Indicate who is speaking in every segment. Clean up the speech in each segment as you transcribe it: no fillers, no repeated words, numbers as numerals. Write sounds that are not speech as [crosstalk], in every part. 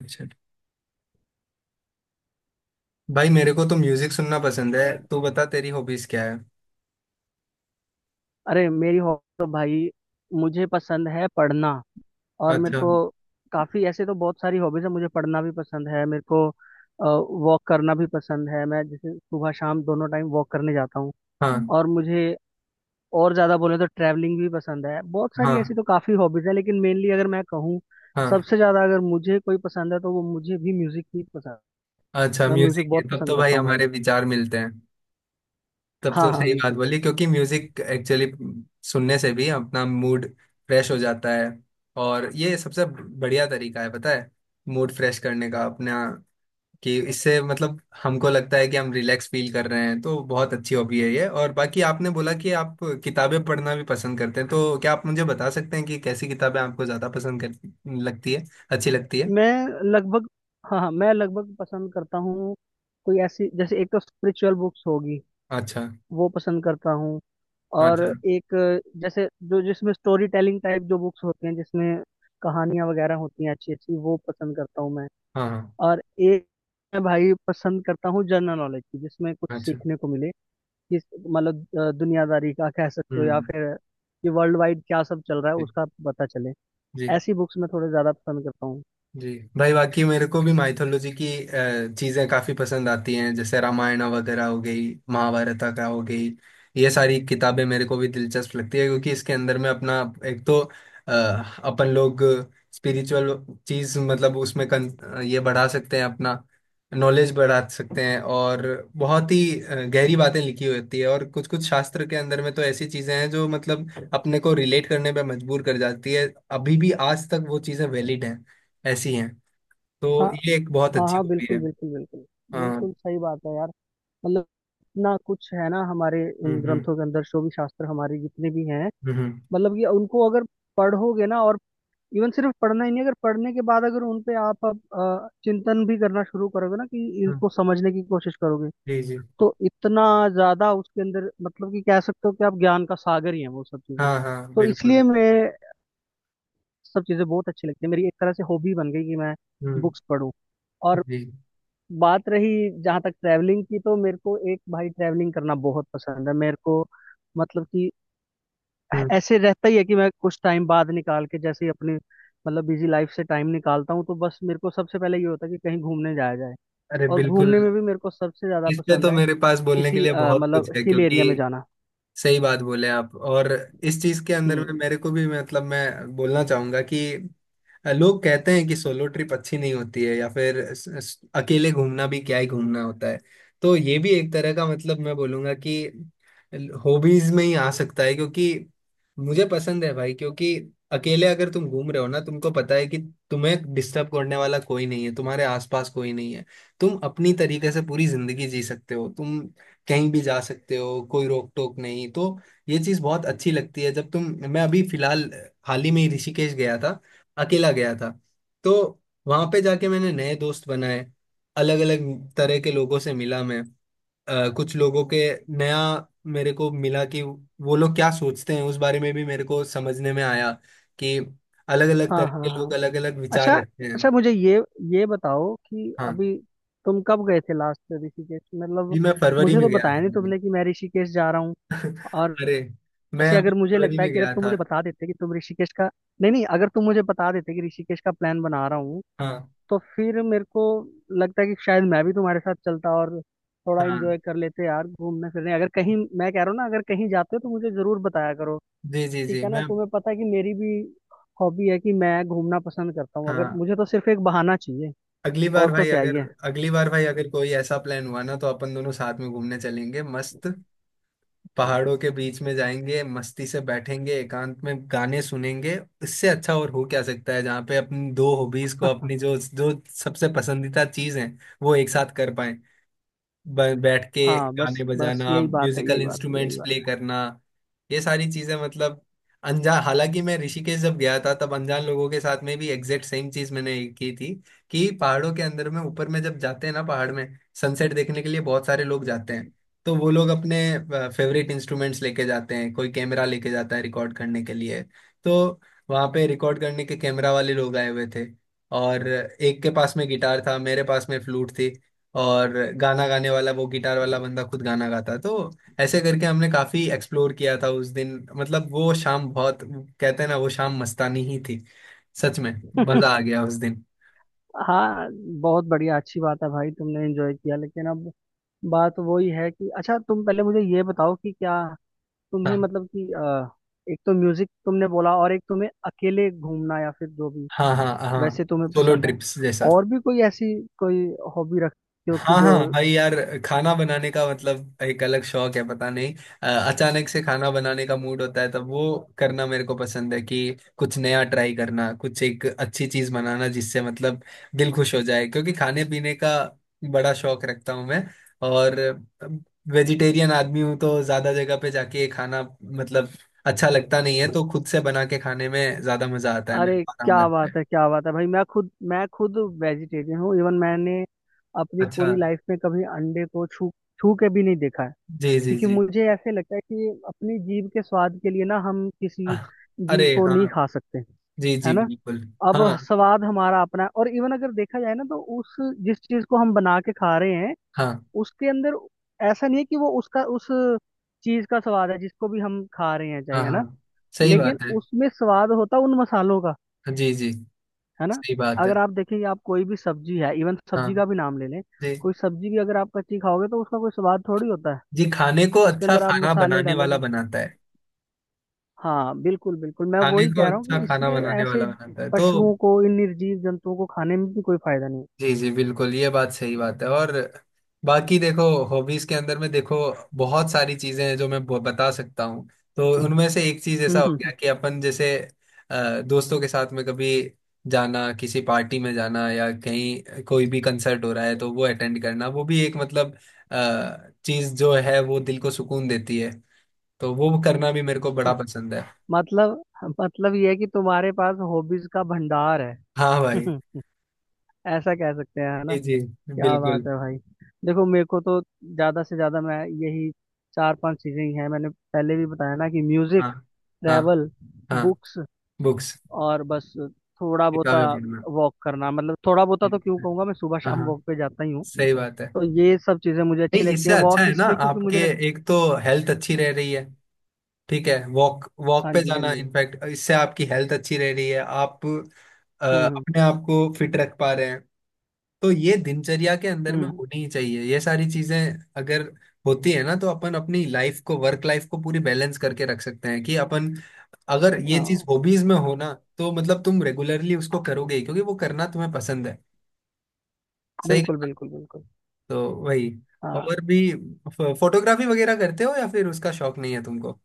Speaker 1: अच्छा। भाई, मेरे को तो म्यूजिक सुनना पसंद है। तू बता, तेरी हॉबीज क्या है?
Speaker 2: अरे, मेरी हॉबी तो भाई, मुझे पसंद है पढ़ना। और मेरे
Speaker 1: अच्छा।
Speaker 2: को काफ़ी, ऐसे तो बहुत सारी हॉबीज़ है, मुझे पढ़ना भी पसंद है, मेरे को वॉक करना भी पसंद है। मैं जैसे सुबह शाम दोनों टाइम वॉक करने जाता हूँ।
Speaker 1: हाँ,
Speaker 2: और मुझे और ज़्यादा बोले तो ट्रैवलिंग भी पसंद है, बहुत सारी ऐसी
Speaker 1: हाँ,
Speaker 2: तो काफ़ी हॉबीज़ है, लेकिन मेनली अगर मैं कहूँ
Speaker 1: हाँ।
Speaker 2: सबसे ज़्यादा अगर मुझे कोई पसंद है तो वो मुझे भी म्यूज़िक ही पसंद है।
Speaker 1: अच्छा,
Speaker 2: मैं म्यूज़िक
Speaker 1: म्यूजिक है,
Speaker 2: बहुत
Speaker 1: तब
Speaker 2: पसंद
Speaker 1: तो भाई
Speaker 2: करता हूँ भाई।
Speaker 1: हमारे विचार मिलते हैं। तब
Speaker 2: हाँ
Speaker 1: तो
Speaker 2: हाँ,
Speaker 1: सही बात
Speaker 2: बिल्कुल।
Speaker 1: बोली, क्योंकि म्यूजिक एक्चुअली सुनने से भी अपना मूड फ्रेश हो जाता है। और ये सबसे बढ़िया तरीका है पता है, मूड फ्रेश करने का अपना। कि इससे मतलब हमको लगता है कि हम रिलैक्स फील कर रहे हैं, तो बहुत अच्छी हॉबी है ये। और बाकी आपने बोला कि आप किताबें पढ़ना भी पसंद करते हैं, तो क्या आप मुझे बता सकते हैं कि कैसी किताबें आपको ज़्यादा पसंद कर लगती है, अच्छी लगती है?
Speaker 2: मैं लगभग हाँ हाँ, मैं लगभग पसंद करता हूँ कोई ऐसी। जैसे, एक तो स्पिरिचुअल बुक्स होगी,
Speaker 1: अच्छा।
Speaker 2: वो पसंद करता हूँ। और
Speaker 1: अच्छा।
Speaker 2: एक जैसे जो जिसमें स्टोरी टेलिंग टाइप जो बुक्स होती हैं, जिसमें कहानियाँ वगैरह होती हैं अच्छी अच्छी, वो पसंद करता हूँ मैं।
Speaker 1: हाँ, हाँ।
Speaker 2: और एक मैं भाई पसंद करता हूँ जनरल नॉलेज की, जिसमें कुछ
Speaker 1: अच्छा।
Speaker 2: सीखने को मिले। जिस मतलब दुनियादारी का कह सकते हो, या
Speaker 1: हम्म।
Speaker 2: फिर ये वर्ल्ड वाइड क्या सब चल रहा है
Speaker 1: जी,
Speaker 2: उसका पता चले।
Speaker 1: जी,
Speaker 2: ऐसी बुक्स मैं थोड़े ज्यादा पसंद करता हूँ।
Speaker 1: जी। भाई, बाकी मेरे को भी माइथोलॉजी की चीजें काफी पसंद आती हैं, जैसे रामायण वगैरह हो गई, महाभारत का हो गई। ये सारी किताबें मेरे को भी दिलचस्प लगती है, क्योंकि इसके अंदर में अपना एक तो अ, अपन लोग स्पिरिचुअल चीज, मतलब उसमें ये बढ़ा सकते हैं अपना, नॉलेज बढ़ा सकते हैं। और बहुत ही गहरी बातें लिखी होती है, और कुछ कुछ शास्त्र के अंदर में तो ऐसी चीजें हैं जो मतलब अपने को रिलेट करने पे मजबूर कर जाती है। अभी भी आज तक वो चीजें वैलिड हैं, ऐसी हैं। तो
Speaker 2: हाँ
Speaker 1: ये एक बहुत
Speaker 2: हाँ
Speaker 1: अच्छी
Speaker 2: हाँ,
Speaker 1: हॉबी
Speaker 2: बिल्कुल
Speaker 1: है।
Speaker 2: बिल्कुल बिल्कुल।
Speaker 1: हाँ।
Speaker 2: बिल्कुल सही बात है यार। मतलब, इतना कुछ है ना हमारे
Speaker 1: हम्म,
Speaker 2: इन
Speaker 1: हम्म,
Speaker 2: ग्रंथों के अंदर, जो भी शास्त्र हमारे जितने भी हैं।
Speaker 1: हम्म,
Speaker 2: मतलब कि उनको अगर पढ़ोगे ना, और इवन सिर्फ पढ़ना ही नहीं, अगर पढ़ने के बाद अगर उन पे आप अब चिंतन भी करना शुरू करोगे ना कि
Speaker 1: हम्म।
Speaker 2: इनको समझने की कोशिश करोगे,
Speaker 1: जी, जी।
Speaker 2: तो इतना ज्यादा उसके अंदर, मतलब कि कह सकते हो कि आप ज्ञान का सागर ही है वो सब चीजें।
Speaker 1: हाँ, हाँ,
Speaker 2: तो
Speaker 1: बिल्कुल।
Speaker 2: इसलिए मैं, सब चीजें बहुत अच्छी लगती है, मेरी एक तरह से हॉबी बन गई कि मैं
Speaker 1: हम्म।
Speaker 2: बुक्स पढूं। और
Speaker 1: जी।
Speaker 2: बात रही जहाँ तक ट्रैवलिंग की, तो मेरे को एक भाई ट्रैवलिंग करना बहुत पसंद है मेरे को। मतलब कि
Speaker 1: हम्म।
Speaker 2: ऐसे रहता ही है कि मैं कुछ टाइम बाद निकाल के, जैसे ही अपनी मतलब बिजी लाइफ से टाइम निकालता हूँ तो बस मेरे को सबसे पहले ये होता है कि कहीं घूमने जाया जाए।
Speaker 1: अरे,
Speaker 2: और
Speaker 1: बिल्कुल!
Speaker 2: घूमने में भी मेरे को सबसे ज्यादा
Speaker 1: इस पे
Speaker 2: पसंद
Speaker 1: तो
Speaker 2: है
Speaker 1: मेरे पास बोलने के
Speaker 2: किसी
Speaker 1: लिए बहुत कुछ
Speaker 2: मतलब
Speaker 1: है,
Speaker 2: हिल एरिया में
Speaker 1: क्योंकि
Speaker 2: जाना।
Speaker 1: सही बात बोले आप। और इस चीज के अंदर
Speaker 2: हम्म।
Speaker 1: में मेरे को भी मतलब मैं बोलना चाहूंगा कि लोग कहते हैं कि सोलो ट्रिप अच्छी नहीं होती है, या फिर अकेले घूमना भी क्या ही घूमना होता है। तो ये भी एक तरह का मतलब मैं बोलूंगा कि हॉबीज में ही आ सकता है, क्योंकि मुझे पसंद है भाई। क्योंकि अकेले अगर तुम घूम रहे हो ना, तुमको पता है कि तुम्हें डिस्टर्ब करने वाला कोई नहीं है, तुम्हारे आसपास कोई नहीं है। तुम अपनी तरीके से पूरी जिंदगी जी सकते हो, तुम कहीं भी जा सकते हो, कोई रोक टोक नहीं। तो ये चीज़ बहुत अच्छी लगती है जब तुम। मैं अभी फिलहाल, हाल ही में ही ऋषिकेश गया था, अकेला गया था। तो वहां पे जाके मैंने नए दोस्त बनाए, अलग अलग तरह के लोगों से मिला मैं। कुछ लोगों के नया मेरे को मिला कि वो लोग क्या सोचते हैं, उस बारे में भी मेरे को समझने में आया, कि अलग अलग
Speaker 2: हाँ
Speaker 1: तरह के
Speaker 2: हाँ
Speaker 1: लोग
Speaker 2: हाँ।
Speaker 1: अलग अलग विचार
Speaker 2: अच्छा।
Speaker 1: रखते हैं।
Speaker 2: अच्छा, मुझे ये बताओ कि
Speaker 1: हाँ
Speaker 2: अभी तुम कब गए थे लास्ट ऋषिकेश,
Speaker 1: जी,
Speaker 2: मतलब।
Speaker 1: मैं फरवरी
Speaker 2: मुझे
Speaker 1: में
Speaker 2: तो
Speaker 1: गया
Speaker 2: बताया
Speaker 1: था
Speaker 2: नहीं
Speaker 1: अभी।
Speaker 2: तुमने कि मैं ऋषिकेश जा रहा हूँ।
Speaker 1: [laughs]
Speaker 2: और
Speaker 1: अरे, मैं
Speaker 2: ऐसे
Speaker 1: अभी
Speaker 2: अगर मुझे
Speaker 1: फरवरी
Speaker 2: लगता है
Speaker 1: में
Speaker 2: कि अगर
Speaker 1: गया
Speaker 2: तुम
Speaker 1: था।
Speaker 2: मुझे बता देते कि तुम ऋषिकेश का, नहीं नहीं, अगर तुम मुझे बता देते कि ऋषिकेश का प्लान बना रहा हूँ,
Speaker 1: हाँ,
Speaker 2: तो फिर मेरे को लगता है कि शायद मैं भी तुम्हारे साथ चलता, और थोड़ा
Speaker 1: हाँ।
Speaker 2: एंजॉय कर लेते यार। घूमने फिरने, अगर कहीं मैं कह रहा हूँ ना, अगर कहीं जाते हो तो मुझे जरूर बताया करो।
Speaker 1: जी, जी,
Speaker 2: ठीक
Speaker 1: जी।
Speaker 2: है ना,
Speaker 1: मैं,
Speaker 2: तुम्हें पता है कि मेरी भी हॉबी है कि मैं घूमना पसंद करता हूँ, अगर
Speaker 1: हाँ।
Speaker 2: मुझे तो सिर्फ एक बहाना चाहिए,
Speaker 1: अगली बार
Speaker 2: और तो
Speaker 1: भाई
Speaker 2: क्या ही
Speaker 1: अगर
Speaker 2: है।
Speaker 1: अगली बार भाई अगर कोई ऐसा प्लान हुआ ना, तो अपन दोनों साथ में घूमने चलेंगे, मस्त पहाड़ों के बीच में जाएंगे, मस्ती से बैठेंगे, एकांत में गाने सुनेंगे। इससे अच्छा और हो क्या सकता है, जहाँ पे अपनी दो हॉबीज को,
Speaker 2: [laughs]
Speaker 1: अपनी जो जो सबसे पसंदीदा चीज है, वो एक साथ कर पाए बैठ के।
Speaker 2: हाँ बस
Speaker 1: गाने
Speaker 2: बस,
Speaker 1: बजाना,
Speaker 2: यही बात है,
Speaker 1: म्यूजिकल
Speaker 2: यही बात है,
Speaker 1: इंस्ट्रूमेंट्स
Speaker 2: यही बात
Speaker 1: प्ले करना, ये सारी चीजें मतलब अनजान। हालांकि मैं ऋषिकेश जब गया था, तब अनजान लोगों के साथ में भी एग्जैक्ट सेम चीज मैंने की थी। कि पहाड़ों के अंदर में ऊपर में जब जाते हैं ना, पहाड़ में सनसेट देखने के लिए बहुत सारे लोग जाते हैं। तो वो लोग अपने फेवरेट इंस्ट्रूमेंट्स लेके जाते हैं, कोई कैमरा लेके जाता है रिकॉर्ड करने के लिए। तो वहाँ पे रिकॉर्ड करने के कैमरा वाले लोग आए हुए थे, और एक के पास में गिटार था, मेरे पास में फ्लूट थी। और गाना गाने वाला वो गिटार वाला बंदा खुद गाना गाता, तो ऐसे करके हमने काफी एक्सप्लोर किया था उस दिन। मतलब वो शाम, बहुत कहते हैं ना, वो शाम मस्तानी ही थी। सच में,
Speaker 2: है।
Speaker 1: मजा आ गया उस दिन।
Speaker 2: [laughs] हाँ, बहुत बढ़िया, अच्छी बात है भाई, तुमने एंजॉय किया। लेकिन अब बात वही है कि अच्छा, तुम पहले मुझे ये बताओ कि क्या तुम्हें,
Speaker 1: हाँ,
Speaker 2: मतलब कि एक तो म्यूजिक तुमने बोला, और एक तुम्हें अकेले घूमना या फिर जो भी
Speaker 1: हाँ, हाँ, हाँ,
Speaker 2: वैसे तुम्हें
Speaker 1: सोलो
Speaker 2: पसंद है,
Speaker 1: ट्रिप्स जैसा।
Speaker 2: और भी कोई ऐसी कोई हॉबी रखते हो कि
Speaker 1: हाँ,
Speaker 2: जो?
Speaker 1: हाँ भाई यार, खाना बनाने का मतलब एक अलग शौक है, पता नहीं अचानक से खाना बनाने का मूड होता है, तब वो करना मेरे को पसंद है, कि कुछ नया ट्राई करना, कुछ एक अच्छी चीज बनाना, जिससे मतलब दिल खुश हो जाए, क्योंकि खाने पीने का बड़ा शौक रखता हूँ मैं। और वेजिटेरियन आदमी हूँ, तो ज्यादा जगह पे जाके खाना मतलब अच्छा लगता नहीं है, तो खुद से बना के खाने में ज्यादा मजा आता है, मेरे
Speaker 2: अरे
Speaker 1: को आराम
Speaker 2: क्या
Speaker 1: लगता है।
Speaker 2: बात है, क्या बात है भाई, मैं खुद वेजिटेरियन हूँ। इवन मैंने अपनी
Speaker 1: अच्छा।
Speaker 2: पूरी लाइफ में कभी अंडे को छू, छू के भी नहीं देखा है।
Speaker 1: जी, जी,
Speaker 2: क्योंकि
Speaker 1: जी।
Speaker 2: मुझे ऐसे लगता है कि अपनी जीभ के स्वाद के लिए ना हम किसी
Speaker 1: आह! अरे
Speaker 2: जीव को नहीं
Speaker 1: हाँ!
Speaker 2: खा सकते
Speaker 1: जी,
Speaker 2: है
Speaker 1: जी,
Speaker 2: ना।
Speaker 1: बिल्कुल।
Speaker 2: अब
Speaker 1: हाँ,
Speaker 2: स्वाद हमारा अपना है, और इवन अगर देखा जाए ना तो उस जिस चीज को हम बना के खा रहे हैं
Speaker 1: हाँ,
Speaker 2: उसके अंदर, ऐसा नहीं है कि वो उसका उस चीज का स्वाद है जिसको भी हम खा रहे हैं, चाहे,
Speaker 1: हाँ,
Speaker 2: है
Speaker 1: हाँ,
Speaker 2: ना।
Speaker 1: सही
Speaker 2: लेकिन
Speaker 1: बात है।
Speaker 2: उसमें स्वाद होता उन मसालों का,
Speaker 1: जी, जी,
Speaker 2: है ना।
Speaker 1: सही बात है।
Speaker 2: अगर आप देखेंगे, आप कोई भी सब्जी है, इवन
Speaker 1: हाँ,
Speaker 2: सब्जी का भी नाम ले लें,
Speaker 1: जी,
Speaker 2: कोई सब्जी भी अगर आप कच्ची खाओगे तो उसका कोई स्वाद थोड़ी होता है।
Speaker 1: जी। खाने को
Speaker 2: उसके
Speaker 1: अच्छा
Speaker 2: अंदर आप
Speaker 1: खाना
Speaker 2: मसाले
Speaker 1: बनाने वाला
Speaker 2: डालोगे।
Speaker 1: बनाता है,
Speaker 2: हाँ बिल्कुल बिल्कुल, मैं
Speaker 1: खाने
Speaker 2: वही
Speaker 1: को
Speaker 2: कह रहा हूँ
Speaker 1: अच्छा
Speaker 2: कि
Speaker 1: खाना
Speaker 2: इसलिए
Speaker 1: बनाने
Speaker 2: ऐसे
Speaker 1: वाला बनाता है तो।
Speaker 2: पशुओं को, इन निर्जीव जंतुओं को खाने में भी कोई फायदा नहीं
Speaker 1: जी, जी, बिल्कुल, ये बात सही बात है। और बाकी देखो, हॉबीज के अंदर में देखो, बहुत सारी चीजें हैं जो मैं बता सकता हूँ। तो उनमें से एक चीज ऐसा हो गया
Speaker 2: है।
Speaker 1: कि अपन जैसे दोस्तों के साथ में कभी जाना, किसी पार्टी में जाना, या कहीं कोई भी कंसर्ट हो रहा है तो वो अटेंड करना, वो भी एक मतलब चीज जो है, वो दिल को सुकून देती है, तो वो करना भी मेरे को बड़ा पसंद है।
Speaker 2: [laughs] मतलब मतलब ये है कि तुम्हारे पास हॉबीज का भंडार है।
Speaker 1: हाँ भाई।
Speaker 2: [laughs] ऐसा कह सकते हैं, है ना।
Speaker 1: जी, जी,
Speaker 2: क्या
Speaker 1: बिल्कुल।
Speaker 2: बात है भाई। देखो, मेरे को तो ज्यादा से ज्यादा, मैं यही चार पांच चीजें ही हैं, मैंने पहले भी बताया ना कि
Speaker 1: हाँ,
Speaker 2: म्यूजिक,
Speaker 1: हाँ,
Speaker 2: ट्रैवल,
Speaker 1: हाँ।
Speaker 2: बुक्स,
Speaker 1: बुक्स,
Speaker 2: और बस थोड़ा बहुता
Speaker 1: किताबें पढ़ना।
Speaker 2: वॉक करना, मतलब थोड़ा बहुता तो क्यों कहूंगा, मैं सुबह
Speaker 1: हाँ,
Speaker 2: शाम
Speaker 1: हाँ,
Speaker 2: वॉक पे जाता ही हूँ।
Speaker 1: सही बात है।
Speaker 2: तो ये सब चीजें मुझे अच्छी
Speaker 1: नहीं,
Speaker 2: लगती
Speaker 1: इससे
Speaker 2: हैं,
Speaker 1: अच्छा
Speaker 2: वॉक
Speaker 1: है ना
Speaker 2: इसलिए क्योंकि
Speaker 1: आपके,
Speaker 2: मुझे
Speaker 1: एक तो हेल्थ अच्छी रह रही है, ठीक है, वॉक वॉक
Speaker 2: हाँ
Speaker 1: पे
Speaker 2: जी, हाँ
Speaker 1: जाना
Speaker 2: जी।
Speaker 1: इनफैक्ट इससे आपकी हेल्थ अच्छी रह रही है, आप
Speaker 2: हम्म
Speaker 1: अपने आप को फिट रख पा रहे हैं। तो ये दिनचर्या के अंदर में
Speaker 2: हम्म।
Speaker 1: होनी ही चाहिए, ये सारी चीजें। अगर होती है ना, तो अपन अपनी लाइफ को, वर्क लाइफ को पूरी बैलेंस करके रख सकते हैं, कि अपन, अगर ये चीज
Speaker 2: हाँ
Speaker 1: हॉबीज में हो ना, तो मतलब तुम रेगुलरली उसको करोगे ही, क्योंकि वो करना तुम्हें पसंद है। सही।
Speaker 2: बिल्कुल बिल्कुल बिल्कुल।
Speaker 1: तो वही।
Speaker 2: हाँ,
Speaker 1: और भी फोटोग्राफी वगैरह करते हो, या फिर उसका शौक नहीं है तुमको?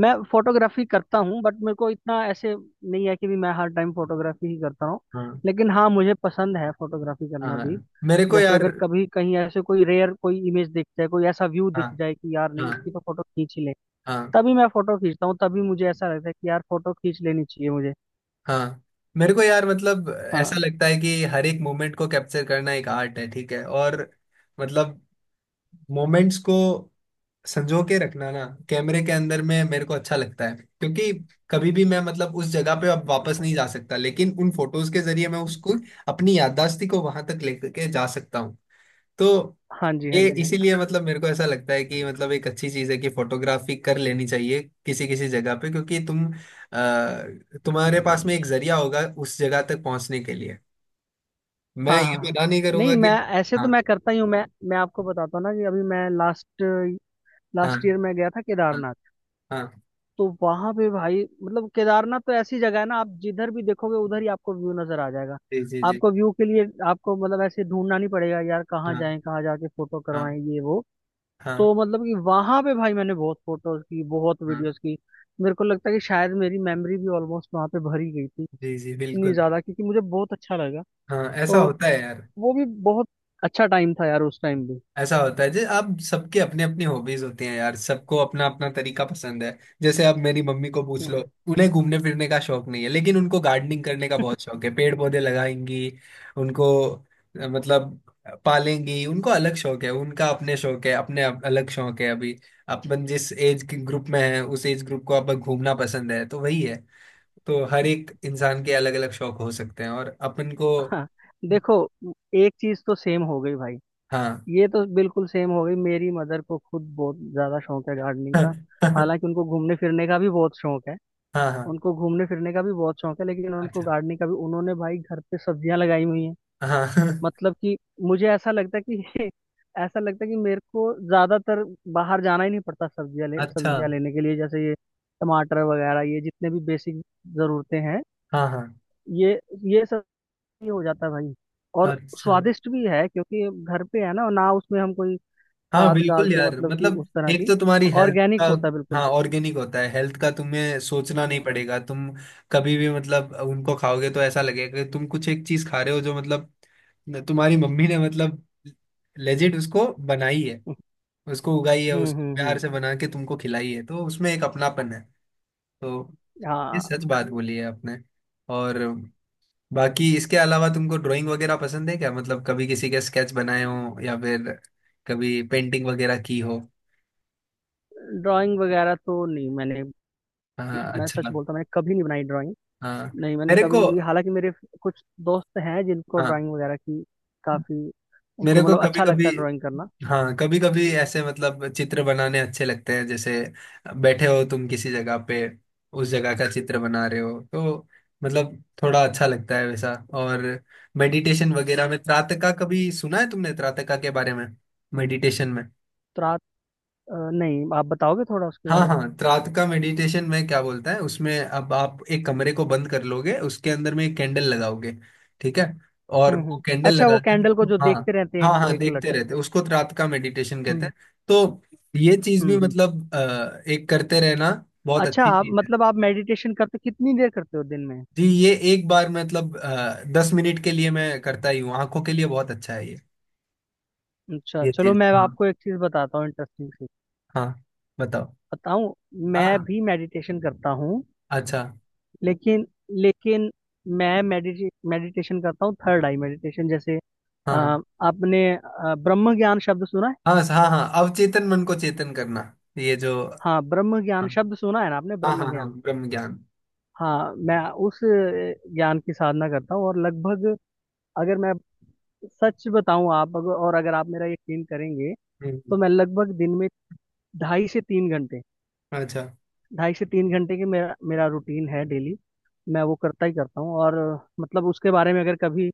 Speaker 2: मैं फोटोग्राफी करता हूँ, बट मेरे को इतना ऐसे नहीं है कि भी मैं हर टाइम फोटोग्राफी ही करता हूँ।
Speaker 1: हाँ,
Speaker 2: लेकिन हाँ, मुझे पसंद है फोटोग्राफी करना
Speaker 1: हाँ,
Speaker 2: भी।
Speaker 1: मेरे को
Speaker 2: जैसे
Speaker 1: यार,
Speaker 2: अगर कभी कहीं ऐसे कोई रेयर कोई इमेज दिख जाए, कोई ऐसा व्यू
Speaker 1: हाँ,
Speaker 2: दिख जाए कि यार नहीं,
Speaker 1: हाँ,
Speaker 2: इसी पर फोटो खींच ही ले,
Speaker 1: हाँ,
Speaker 2: तभी मैं फोटो खींचता हूँ। तभी मुझे ऐसा लगता है कि यार फोटो खींच लेनी चाहिए मुझे।
Speaker 1: हाँ, मेरे को यार मतलब
Speaker 2: हाँ,
Speaker 1: ऐसा लगता है कि हर एक मोमेंट को कैप्चर करना एक आर्ट है, ठीक है। और मतलब मोमेंट्स को संजो के रखना ना कैमरे के अंदर में, मेरे को अच्छा लगता है। क्योंकि कभी भी मैं, मतलब उस जगह पे अब वापस नहीं जा सकता, लेकिन उन फोटोज के जरिए मैं उसको, अपनी याददाश्ती को वहां तक लेकर के जा सकता हूँ। तो
Speaker 2: हाँ जी, हाँ
Speaker 1: ये
Speaker 2: जी, हाँ जी।
Speaker 1: इसीलिए मतलब मेरे को ऐसा लगता है कि, मतलब एक अच्छी चीज है कि फोटोग्राफी कर लेनी चाहिए किसी किसी जगह पे, क्योंकि तुम तुम्हारे पास में एक जरिया होगा उस जगह तक पहुंचने के लिए। मैं
Speaker 2: हाँ
Speaker 1: ये
Speaker 2: हाँ हाँ।
Speaker 1: मना नहीं
Speaker 2: नहीं,
Speaker 1: करूंगा
Speaker 2: मैं
Speaker 1: कि।
Speaker 2: ऐसे तो
Speaker 1: हाँ,
Speaker 2: मैं करता ही हूँ। मैं आपको बताता हूँ ना कि अभी मैं लास्ट
Speaker 1: हाँ,
Speaker 2: लास्ट ईयर मैं गया था
Speaker 1: हाँ,
Speaker 2: केदारनाथ।
Speaker 1: हाँ।
Speaker 2: तो वहां पे भाई, मतलब केदारनाथ तो ऐसी जगह है ना, आप जिधर भी देखोगे उधर ही आपको व्यू नजर आ जाएगा।
Speaker 1: जी, जी, जी।
Speaker 2: आपको व्यू के लिए आपको मतलब ऐसे ढूंढना नहीं पड़ेगा यार, कहाँ
Speaker 1: हाँ,
Speaker 2: जाएं, कहाँ जाके फोटो
Speaker 1: हाँ,
Speaker 2: करवाएं, ये वो।
Speaker 1: हाँ,
Speaker 2: तो मतलब कि वहां पे भाई मैंने बहुत फोटोज की, बहुत
Speaker 1: हाँ।
Speaker 2: वीडियोस की। मेरे को लगता है कि शायद मेरी मेमोरी भी ऑलमोस्ट वहां पे भरी गई थी,
Speaker 1: जी, जी,
Speaker 2: इतनी
Speaker 1: बिल्कुल।
Speaker 2: ज्यादा, क्योंकि मुझे बहुत अच्छा लगा।
Speaker 1: हाँ, ऐसा
Speaker 2: तो
Speaker 1: होता है यार।
Speaker 2: वो भी बहुत अच्छा टाइम था यार, उस टाइम भी।
Speaker 1: ऐसा होता है, जैसे आप सबके अपने अपने हॉबीज होते हैं यार, सबको अपना अपना तरीका पसंद है। जैसे आप मेरी मम्मी को पूछ लो,
Speaker 2: हम्म।
Speaker 1: उन्हें घूमने फिरने का शौक नहीं है, लेकिन उनको गार्डनिंग करने का बहुत शौक है, पेड़ पौधे लगाएंगी उनको, मतलब पालेंगी उनको, अलग शौक है उनका, अपने शौक है, अपने अलग शौक है अभी। अपन जिस एज के ग्रुप में है, उस एज ग्रुप को अपन घूमना पसंद है, तो वही है। तो हर एक इंसान के अलग अलग शौक हो सकते हैं, और अपन को।
Speaker 2: [laughs] देखो, एक चीज तो सेम हो गई भाई,
Speaker 1: हाँ।
Speaker 2: ये तो बिल्कुल सेम हो गई। मेरी मदर को खुद बहुत ज्यादा शौक है गार्डनिंग का।
Speaker 1: [laughs]
Speaker 2: हालांकि उनको घूमने फिरने का भी बहुत शौक है,
Speaker 1: हाँ, हाँ।
Speaker 2: उनको घूमने फिरने का भी बहुत शौक है, लेकिन उनको
Speaker 1: अच्छा।
Speaker 2: गार्डनिंग का भी, उन्होंने भाई घर पे सब्जियां लगाई हुई हैं।
Speaker 1: हाँ। [laughs]
Speaker 2: मतलब कि मुझे ऐसा लगता है कि, [laughs] ऐसा लगता है कि मेरे को ज्यादातर बाहर जाना ही नहीं पड़ता
Speaker 1: अच्छा।
Speaker 2: सब्जियां लेने के लिए, जैसे ये टमाटर वगैरह, ये जितने भी बेसिक जरूरतें हैं,
Speaker 1: हाँ, हाँ।
Speaker 2: ये ये सब ही हो जाता है भाई। और
Speaker 1: अच्छा।
Speaker 2: स्वादिष्ट भी है, क्योंकि घर पे है ना, ना उसमें हम कोई
Speaker 1: हाँ,
Speaker 2: खाद
Speaker 1: बिल्कुल
Speaker 2: डालते,
Speaker 1: यार,
Speaker 2: मतलब कि
Speaker 1: मतलब
Speaker 2: उस तरह
Speaker 1: एक
Speaker 2: की,
Speaker 1: तो तुम्हारी हेल्थ का।
Speaker 2: ऑर्गेनिक होता है
Speaker 1: हाँ,
Speaker 2: बिल्कुल।
Speaker 1: ऑर्गेनिक होता है, हेल्थ का तुम्हें सोचना नहीं
Speaker 2: हम्म
Speaker 1: पड़ेगा, तुम कभी भी मतलब उनको खाओगे तो ऐसा लगेगा कि तुम कुछ एक चीज खा रहे हो, जो मतलब तुम्हारी मम्मी ने, मतलब लेजिट उसको बनाई है, उसको उगाई है,
Speaker 2: हम्म
Speaker 1: उसको
Speaker 2: हम्म
Speaker 1: प्यार
Speaker 2: हम्म।
Speaker 1: से बना के तुमको खिलाई है, तो उसमें एक अपनापन है। तो ये
Speaker 2: हाँ।
Speaker 1: सच बात बोली है आपने। और बाकी इसके अलावा, तुमको ड्राइंग वगैरह पसंद है क्या? मतलब कभी किसी के स्केच बनाए हो, या फिर कभी पेंटिंग वगैरह की हो?
Speaker 2: ड्राइंग वगैरह तो नहीं मैंने,
Speaker 1: हाँ,
Speaker 2: मैं
Speaker 1: अच्छा
Speaker 2: सच बोलता हूँ, मैंने कभी नहीं बनाई ड्राइंग।
Speaker 1: हाँ,
Speaker 2: नहीं, मैंने
Speaker 1: मेरे
Speaker 2: कभी
Speaker 1: को,
Speaker 2: नहीं बनाई। हालांकि मेरे कुछ दोस्त हैं जिनको
Speaker 1: हाँ,
Speaker 2: ड्राइंग वगैरह की काफी, उनको
Speaker 1: मेरे को
Speaker 2: मतलब
Speaker 1: कभी
Speaker 2: अच्छा
Speaker 1: कभी,
Speaker 2: लगता है ड्राइंग करना।
Speaker 1: हाँ, कभी कभी ऐसे मतलब चित्र बनाने अच्छे लगते हैं, जैसे बैठे हो तुम किसी जगह पे, उस जगह का चित्र बना रहे हो, तो मतलब थोड़ा अच्छा लगता है वैसा। और मेडिटेशन वगैरह में, त्राटका कभी सुना है तुमने, त्राटका के बारे में, मेडिटेशन में?
Speaker 2: तो रात नहीं, आप बताओगे थोड़ा उसके
Speaker 1: हाँ,
Speaker 2: बारे में।
Speaker 1: हाँ। रात का मेडिटेशन में क्या बोलता है, उसमें अब आप एक कमरे को बंद कर लोगे, उसके अंदर में एक कैंडल लगाओगे, ठीक है। और
Speaker 2: हम्म।
Speaker 1: वो कैंडल
Speaker 2: अच्छा, वो
Speaker 1: लगाते,
Speaker 2: कैंडल को जो
Speaker 1: हाँ,
Speaker 2: देखते रहते हैं,
Speaker 1: हाँ, हाँ,
Speaker 2: एक लट।
Speaker 1: देखते रहते उसको तो रात का मेडिटेशन कहते
Speaker 2: हम्म
Speaker 1: हैं। तो ये चीज भी
Speaker 2: हम्म हम्म।
Speaker 1: मतलब एक करते रहना, बहुत
Speaker 2: अच्छा,
Speaker 1: अच्छी
Speaker 2: आप
Speaker 1: चीज है।
Speaker 2: मतलब आप मेडिटेशन करते कितनी देर करते हो दिन में?
Speaker 1: जी, ये एक बार मतलब 10 मिनट के लिए मैं करता ही हूँ, आंखों के लिए बहुत अच्छा है ये।
Speaker 2: अच्छा,
Speaker 1: ये
Speaker 2: चलो
Speaker 1: चीज,
Speaker 2: मैं
Speaker 1: हाँ,
Speaker 2: आपको एक चीज बताता हूँ इंटरेस्टिंग सी,
Speaker 1: हाँ, बताओ।
Speaker 2: बताऊँ? मैं
Speaker 1: हाँ।
Speaker 2: भी मेडिटेशन करता हूँ,
Speaker 1: अच्छा।
Speaker 2: लेकिन लेकिन मैं मेडिटेशन करता हूँ थर्ड आई मेडिटेशन। जैसे
Speaker 1: हाँ, हाँ,
Speaker 2: आपने ब्रह्म ज्ञान शब्द सुना है?
Speaker 1: हाँ, हाँ, हाँ, अवचेतन मन को चेतन करना ये जो। हाँ,
Speaker 2: हाँ, ब्रह्म ज्ञान शब्द सुना है ना आपने,
Speaker 1: हाँ,
Speaker 2: ब्रह्म
Speaker 1: हाँ, हाँ,
Speaker 2: ज्ञान।
Speaker 1: ब्रह्म ज्ञान।
Speaker 2: हाँ, मैं उस ज्ञान की साधना करता हूँ, और लगभग, अगर मैं सच बताऊँ आप अगर- और अगर आप मेरा यकीन करेंगे,
Speaker 1: हम्म,
Speaker 2: तो मैं लगभग दिन में ढाई से तीन घंटे,
Speaker 1: अच्छा
Speaker 2: ढाई से तीन घंटे की मेरा मेरा रूटीन है डेली। मैं वो करता ही करता हूँ। और मतलब उसके बारे में अगर कभी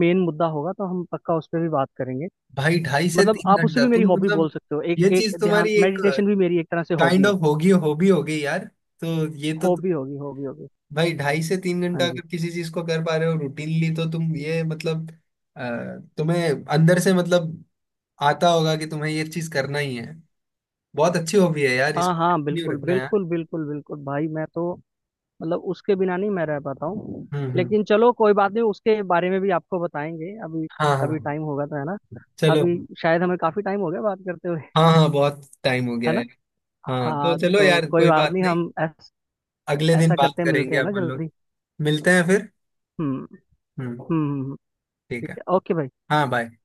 Speaker 2: मेन मुद्दा होगा तो हम पक्का उस पर भी बात करेंगे।
Speaker 1: भाई। हम्म। ढाई से
Speaker 2: मतलब
Speaker 1: तीन
Speaker 2: आप उसे
Speaker 1: घंटा
Speaker 2: भी मेरी
Speaker 1: तुम
Speaker 2: हॉबी
Speaker 1: मतलब,
Speaker 2: बोल सकते हो, एक
Speaker 1: ये
Speaker 2: एक
Speaker 1: चीज
Speaker 2: ध्यान,
Speaker 1: तुम्हारी एक
Speaker 2: मेडिटेशन भी मेरी एक तरह से
Speaker 1: काइंड
Speaker 2: हॉबी है।
Speaker 1: ऑफ होगी, हॉबी हो गई यार। तो ये तो
Speaker 2: हॉबी होगी, हॉबी होगी।
Speaker 1: भाई, 2.5 से 3 घंटा
Speaker 2: हाँ जी।
Speaker 1: अगर किसी चीज को कर पा रहे हो रूटीनली, तो तुम ये मतलब अ, तुम्हें अंदर से मतलब आता होगा कि तुम्हें ये चीज करना ही है। बहुत अच्छी हॉबी है यार,
Speaker 2: हाँ
Speaker 1: इसको
Speaker 2: हाँ,
Speaker 1: कंटिन्यू
Speaker 2: बिल्कुल
Speaker 1: रखना यार।
Speaker 2: बिल्कुल बिल्कुल बिल्कुल भाई, मैं तो मतलब उसके बिना नहीं मैं रह पाता हूँ।
Speaker 1: हम्म, हम्म।
Speaker 2: लेकिन चलो, कोई बात नहीं, उसके बारे में भी आपको बताएंगे अभी,
Speaker 1: हाँ,
Speaker 2: कभी
Speaker 1: हाँ,
Speaker 2: टाइम होगा तो, है ना।
Speaker 1: चलो।
Speaker 2: अभी शायद हमें काफी टाइम हो गया बात करते हुए,
Speaker 1: हाँ, हाँ, बहुत टाइम हो
Speaker 2: है
Speaker 1: गया है।
Speaker 2: ना।
Speaker 1: हाँ,
Speaker 2: हाँ
Speaker 1: तो चलो
Speaker 2: तो
Speaker 1: यार,
Speaker 2: कोई
Speaker 1: कोई
Speaker 2: बात
Speaker 1: बात
Speaker 2: नहीं,
Speaker 1: नहीं,
Speaker 2: हम
Speaker 1: अगले दिन
Speaker 2: ऐसा करते
Speaker 1: बात
Speaker 2: हैं, मिलते
Speaker 1: करेंगे
Speaker 2: हैं ना
Speaker 1: अपन लोग।
Speaker 2: जल्दी।
Speaker 1: मिलते हैं फिर।
Speaker 2: हम्म,
Speaker 1: हम्म।
Speaker 2: हम्म।
Speaker 1: ठीक है।
Speaker 2: ठीक है, ओके भाई।
Speaker 1: हाँ, बाय।